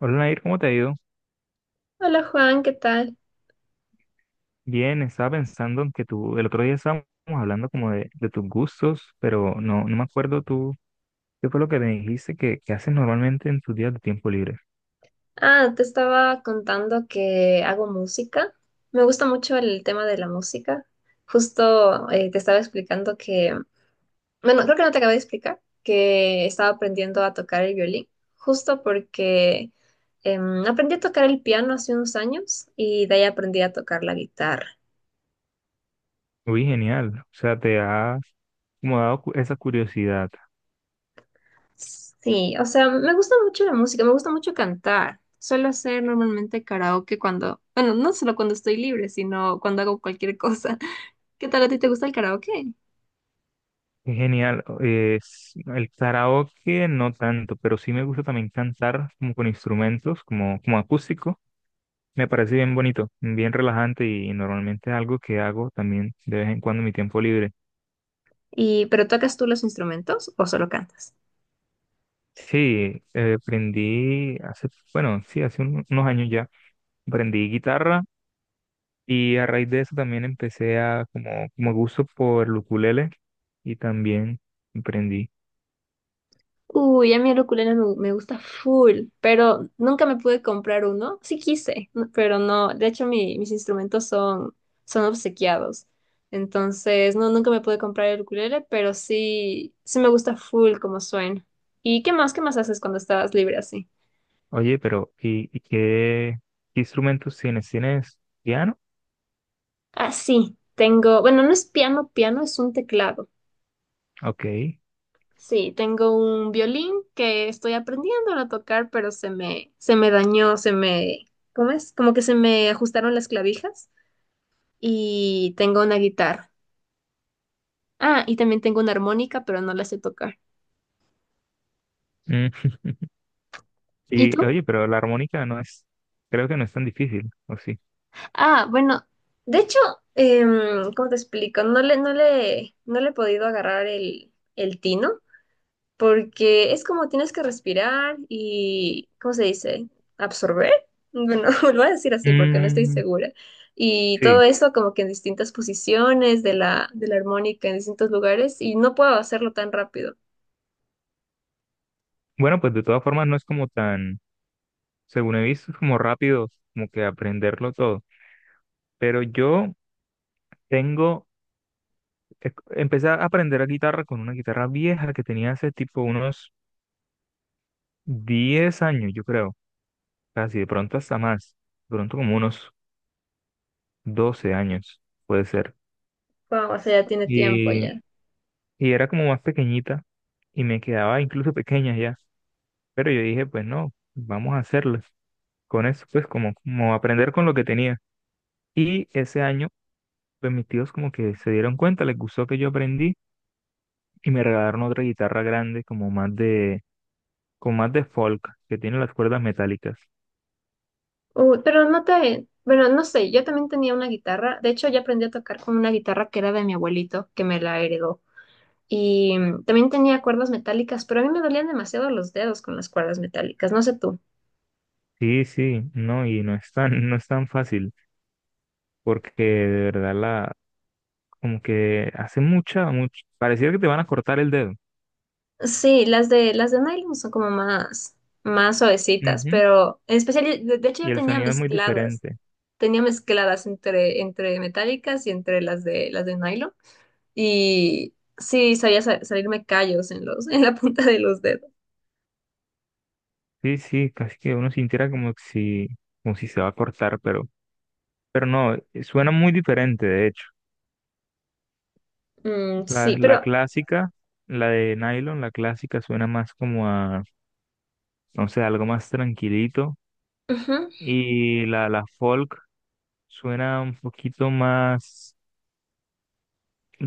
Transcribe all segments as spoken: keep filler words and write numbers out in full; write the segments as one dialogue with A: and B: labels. A: Hola Nair, ¿cómo te ha ido?
B: Hola Juan, ¿qué tal?
A: Bien, estaba pensando en que tú, el otro día estábamos hablando como de, de tus gustos, pero no, no me acuerdo tú, qué fue lo que me dijiste que, que haces normalmente en tus días de tiempo libre.
B: Ah, te estaba contando que hago música. Me gusta mucho el tema de la música. Justo eh, te estaba explicando que, bueno, creo que no te acabé de explicar, que estaba aprendiendo a tocar el violín, justo porque em, aprendí a tocar el piano hace unos años y de ahí aprendí a tocar la guitarra.
A: Uy, genial, o sea, te has como dado cu- esa curiosidad.
B: Sí, o sea, me gusta mucho la música, me gusta mucho cantar. Suelo hacer normalmente karaoke cuando, bueno, no solo cuando estoy libre, sino cuando hago cualquier cosa. ¿Qué tal a ti te gusta el karaoke?
A: Qué genial, es el karaoke no tanto, pero sí me gusta también cantar como con instrumentos, como, como acústico. Me parece bien bonito, bien relajante y normalmente es algo que hago también de vez en cuando en mi tiempo libre.
B: Y ¿pero tocas tú los instrumentos o solo cantas?
A: Sí, eh, aprendí hace, bueno, sí, hace un- unos años ya, aprendí guitarra y a raíz de eso también empecé a como, como gusto por el ukulele y también aprendí.
B: Uy, a mí el ukulele me, me gusta full, pero nunca me pude comprar uno. Sí quise, no- pero no. De hecho, mi- mis instrumentos son, son obsequiados. Entonces, no, nunca me pude comprar el ukulele, pero sí, sí me gusta full como suena. ¿Y qué más? ¿Qué más haces cuando estás libre así?
A: Oye, pero ¿y, y qué, qué instrumentos tienes? ¿Tienes piano?
B: Ah, sí, tengo, bueno, no es piano, piano es un teclado.
A: Ok.
B: Sí, tengo un violín que estoy aprendiendo a tocar, pero se me, se me dañó, se me, ¿cómo es? Como que se me ajustaron las clavijas y tengo una guitarra. Ah, y también tengo una armónica, pero no la sé tocar.
A: Mm,
B: ¿Y
A: Y
B: tú?
A: oye, pero la armónica no es, creo que no es tan difícil, ¿o sí?
B: Ah, bueno, de hecho, em, ¿cómo te explico? No le, no le, no le he podido agarrar el, el tino, porque es como tienes que respirar y, ¿cómo se dice? Absorber. Bueno, lo voy a decir así porque no estoy
A: Mm,
B: segura. Y
A: sí.
B: todo eso como que en distintas posiciones de la, de la armónica, en distintos lugares, y no puedo hacerlo tan rápido.
A: Bueno, pues de todas formas no es como tan, según he visto, es como rápido, como que aprenderlo todo. Pero yo tengo, eh, empecé a aprender a guitarra con una guitarra vieja que tenía hace tipo unos diez años, yo creo, casi de pronto hasta más, de pronto como unos doce años, puede ser.
B: Wow, o sea, ya tiene tiempo
A: Y,
B: ya.
A: y era como más pequeñita y me quedaba incluso pequeña ya, pero yo dije, pues no, vamos a hacerlo. Con eso, pues como, como aprender con lo que tenía. Y ese año, pues mis tíos como que se dieron cuenta, les gustó que yo aprendí y me regalaron otra guitarra grande, como más de, con más de folk, que tiene las cuerdas metálicas.
B: Uh, pero no te, bueno, no sé, yo también tenía una guitarra. De hecho, ya aprendí a tocar con una guitarra que era de mi abuelito, que me la heredó. Y mm, también tenía cuerdas metálicas, pero a mí me dolían demasiado los dedos con las cuerdas metálicas. No sé tú.
A: Sí, sí, no, y no es tan, no es tan fácil, porque de verdad la, como que hace mucha, mucho, pareciera que te van a cortar el dedo.
B: Sí, las de las de nylon son como más, más suavecitas,
A: Ujú,
B: pero en especial, de, de hecho
A: y
B: yo
A: el
B: tenía
A: sonido es muy
B: mezcladas,
A: diferente.
B: tenía mezcladas entre, entre metálicas y entre las de las de nylon. Y sí, sabía sa- salirme callos en los, en la punta de los dedos.
A: Sí, sí, casi que uno sintiera como que si, como si se va a cortar, pero, pero no, eh, suena muy diferente, de hecho.
B: Mm,
A: La,
B: sí,
A: la
B: pero
A: clásica, la de nylon, la clásica suena más como a, no sé, algo más tranquilito.
B: ujú.
A: Y la, la folk suena un poquito más,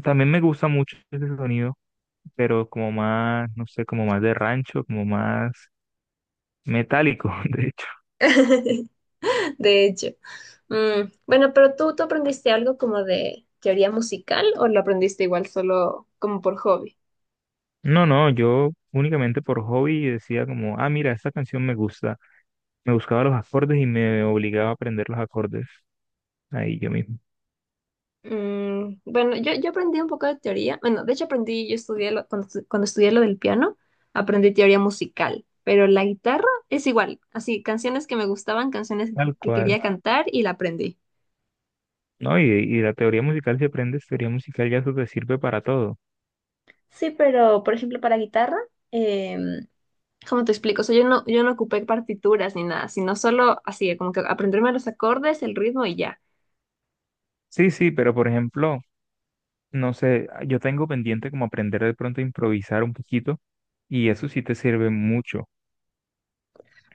A: también me gusta mucho ese sonido, pero como más, no sé, como más de rancho, como más metálico, de hecho.
B: De hecho. Mm, bueno, pero tú, ¿tú aprendiste algo como de teoría musical o lo aprendiste igual solo como por hobby?
A: No, no, yo únicamente por hobby decía como, ah, mira, esta canción me gusta. Me buscaba los acordes y me obligaba a aprender los acordes ahí yo mismo,
B: Mm, bueno, yo, yo aprendí un poco de teoría. Bueno, de hecho aprendí, yo estudié lo- cuando, estu- cuando estudié lo del piano, aprendí teoría musical, pero la guitarra es igual, así, canciones que me gustaban, canciones que,
A: tal
B: que
A: cual.
B: quería cantar y la aprendí.
A: No, y, y la teoría musical, si aprendes teoría musical, ya eso te sirve para todo.
B: Sí, pero por ejemplo para guitarra, em, ¿cómo te explico? O sea, yo no, yo no ocupé partituras ni nada, sino solo así, como que aprenderme los acordes, el ritmo y ya.
A: Sí, sí, pero por ejemplo, no sé, ah, yo tengo pendiente como aprender de pronto a improvisar un poquito y eso sí te sirve mucho.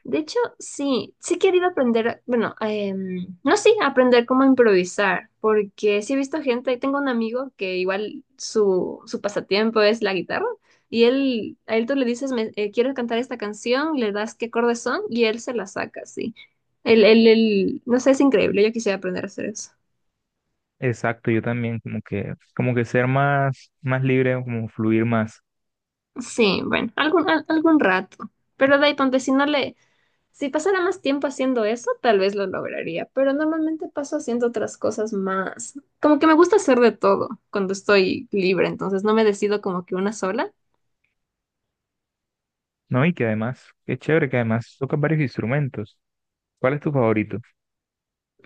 B: De hecho, sí, sí he querido aprender, bueno, em, no sí, aprender cómo improvisar, porque sí he visto gente, tengo un amigo que igual su, su pasatiempo es la guitarra, y él, a él tú le dices, me, eh, quiero cantar esta canción, le das qué acordes son, y él se la saca, sí. Él, él, él- no sé, es increíble, yo quisiera aprender a hacer eso.
A: Exacto, yo también como que como que ser más más libre, como fluir más,
B: Sí, bueno, algún, al- algún rato. Pero de ahí ponte, si no le, si pasara más tiempo haciendo eso, tal vez lo lograría, pero normalmente paso haciendo otras cosas más. Como que me gusta hacer de todo cuando estoy libre, entonces no me decido como que una sola.
A: ¿no? Y que además, qué chévere que además tocas varios instrumentos. ¿Cuál es tu favorito?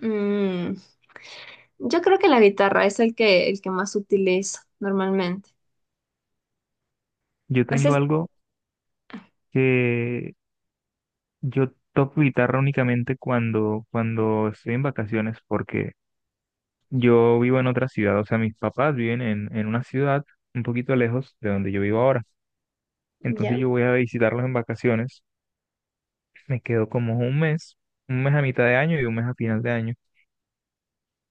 B: Mm, yo creo que la guitarra es el que, el que más utilizo normalmente.
A: Yo
B: Así
A: tengo
B: es.
A: algo que yo toco guitarra únicamente cuando cuando estoy en vacaciones porque yo vivo en otra ciudad, o sea, mis papás viven en en una ciudad un poquito lejos de donde yo vivo ahora. Entonces
B: Ya.
A: yo voy a visitarlos en vacaciones. Me quedo como un mes, un mes a mitad de año y un mes a final de año.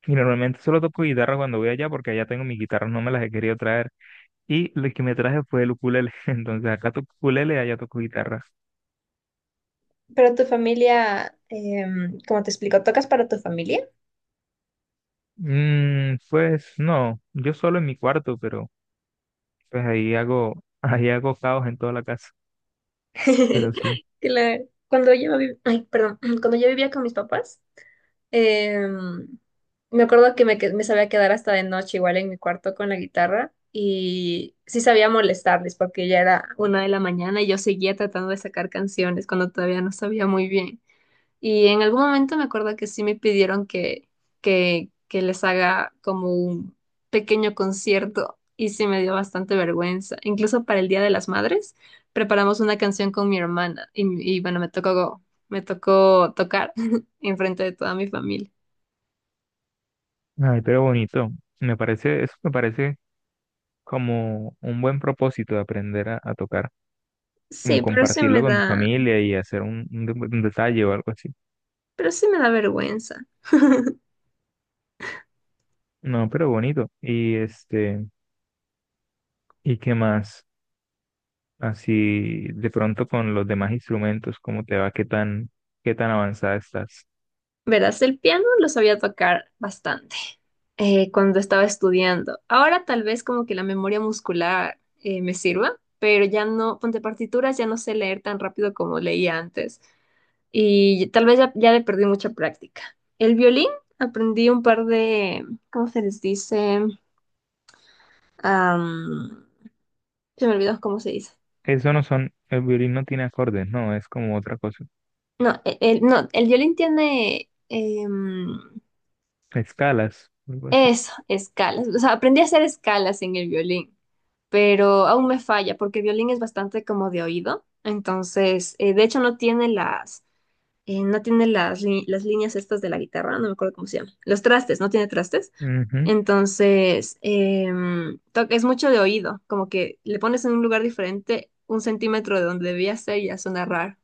A: Y normalmente solo toco guitarra cuando voy allá porque allá tengo mis guitarras, no me las he querido traer. Y lo que me traje fue el ukulele. Entonces acá toco ukulele, allá toco guitarra.
B: Pero tu familia, em, como te explico, ¿tocas para tu familia?
A: Mm, pues no, yo solo en mi cuarto, pero pues ahí hago, ahí hago caos en toda la casa. Pero sí,
B: que la- Cuando yo vivía, ay, perdón, cuando yo vivía con mis papás, Em, me acuerdo que me, que- me sabía quedar hasta de noche igual en mi cuarto con la guitarra y sí sabía molestarles porque ya era una de la mañana y yo seguía tratando de sacar canciones cuando todavía no sabía muy bien. Y en algún momento me acuerdo que sí me pidieron que, que, que les haga como un pequeño concierto y sí me dio bastante vergüenza. Incluso para el Día de las Madres preparamos una canción con mi hermana y, y bueno, me tocó, me tocó tocar enfrente de toda mi familia.
A: ay, pero bonito. Me parece, eso me parece como un buen propósito de aprender a, a tocar, como
B: Sí, pero sí
A: compartirlo
B: me
A: con tu
B: da,
A: familia y hacer un un de- un detalle o algo así.
B: pero sí me da vergüenza.
A: No, pero bonito. Y este, ¿y qué más? Así de pronto con los demás instrumentos, ¿cómo te va? ¿Qué tan, qué tan avanzada estás?
B: Verás, el piano lo sabía tocar bastante eh, cuando estaba estudiando. Ahora tal vez como que la memoria muscular eh, me sirva, pero ya no, ponte partituras, ya no sé leer tan rápido como leía antes y tal vez ya, ya le perdí mucha práctica. El violín aprendí un par de, ¿cómo se les dice? Am, Se me olvidó cómo se dice.
A: Eso no son, el violín no tiene acordes, no, es como otra cosa.
B: No, e- el, no, el violín tiene... em,
A: Escalas, algo así.
B: Eso, escalas. O sea, aprendí a hacer escalas en el violín, pero aún me falla porque el violín es bastante como de oído. Entonces, eh, de hecho, no tiene las, eh, no tiene las, li- las líneas estas de la guitarra, no me acuerdo cómo se llama. Los trastes, no tiene trastes.
A: Ujú.
B: Entonces, em, to- es mucho de oído, como que le pones en un lugar diferente un centímetro de donde debía ser y ya suena raro.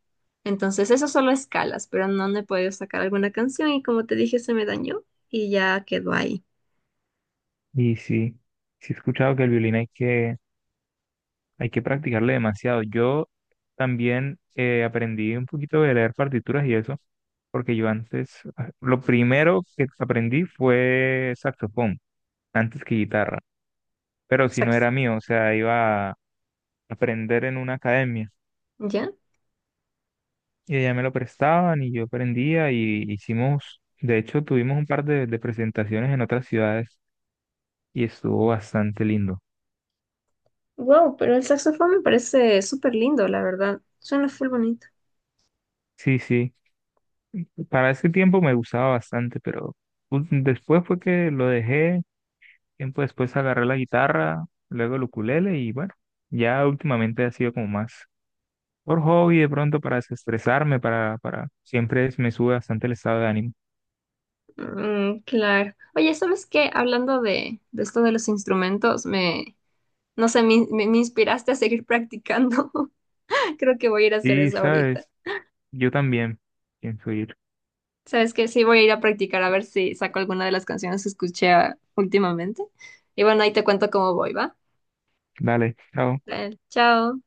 B: Entonces, eso solo escalas, pero no me he podido sacar alguna canción y como te dije, se me dañó y ya quedó ahí.
A: Y sí, sí he escuchado que el violín hay que, hay que practicarle demasiado. Yo también eh, aprendí un poquito de leer partituras y eso, porque yo antes, ah, lo primero que aprendí fue saxofón, antes que guitarra. Pero si no era mío, o sea, iba a aprender en una academia
B: ¿Ya?
A: y ella me lo prestaban y yo aprendía y hicimos, de hecho, tuvimos un par de, de presentaciones en otras ciudades y estuvo bastante lindo.
B: Wow, pero el saxofón me parece súper lindo, la verdad. Suena full bonito.
A: Sí, sí, para ese tiempo me gustaba bastante, pero u- después fue que lo dejé, tiempo después agarré la guitarra, luego el ukulele y bueno, ya últimamente ha sido como más por hobby de pronto para desestresarme, para, para, siempre es- me sube bastante el estado de ánimo.
B: Mm, claro. Oye, ¿sabes qué? Hablando de, de esto de los instrumentos, me, no sé, me, me- me inspiraste a seguir practicando. Creo que voy a ir a hacer
A: Sí,
B: eso ahorita.
A: sabes. Yo también pienso ir.
B: ¿Sabes qué? Sí, voy a ir a practicar a ver si saco alguna de las canciones que escuché ah, últimamente. Y bueno, ahí te cuento cómo voy, ¿va?
A: Dale, chao.
B: Dale, chao.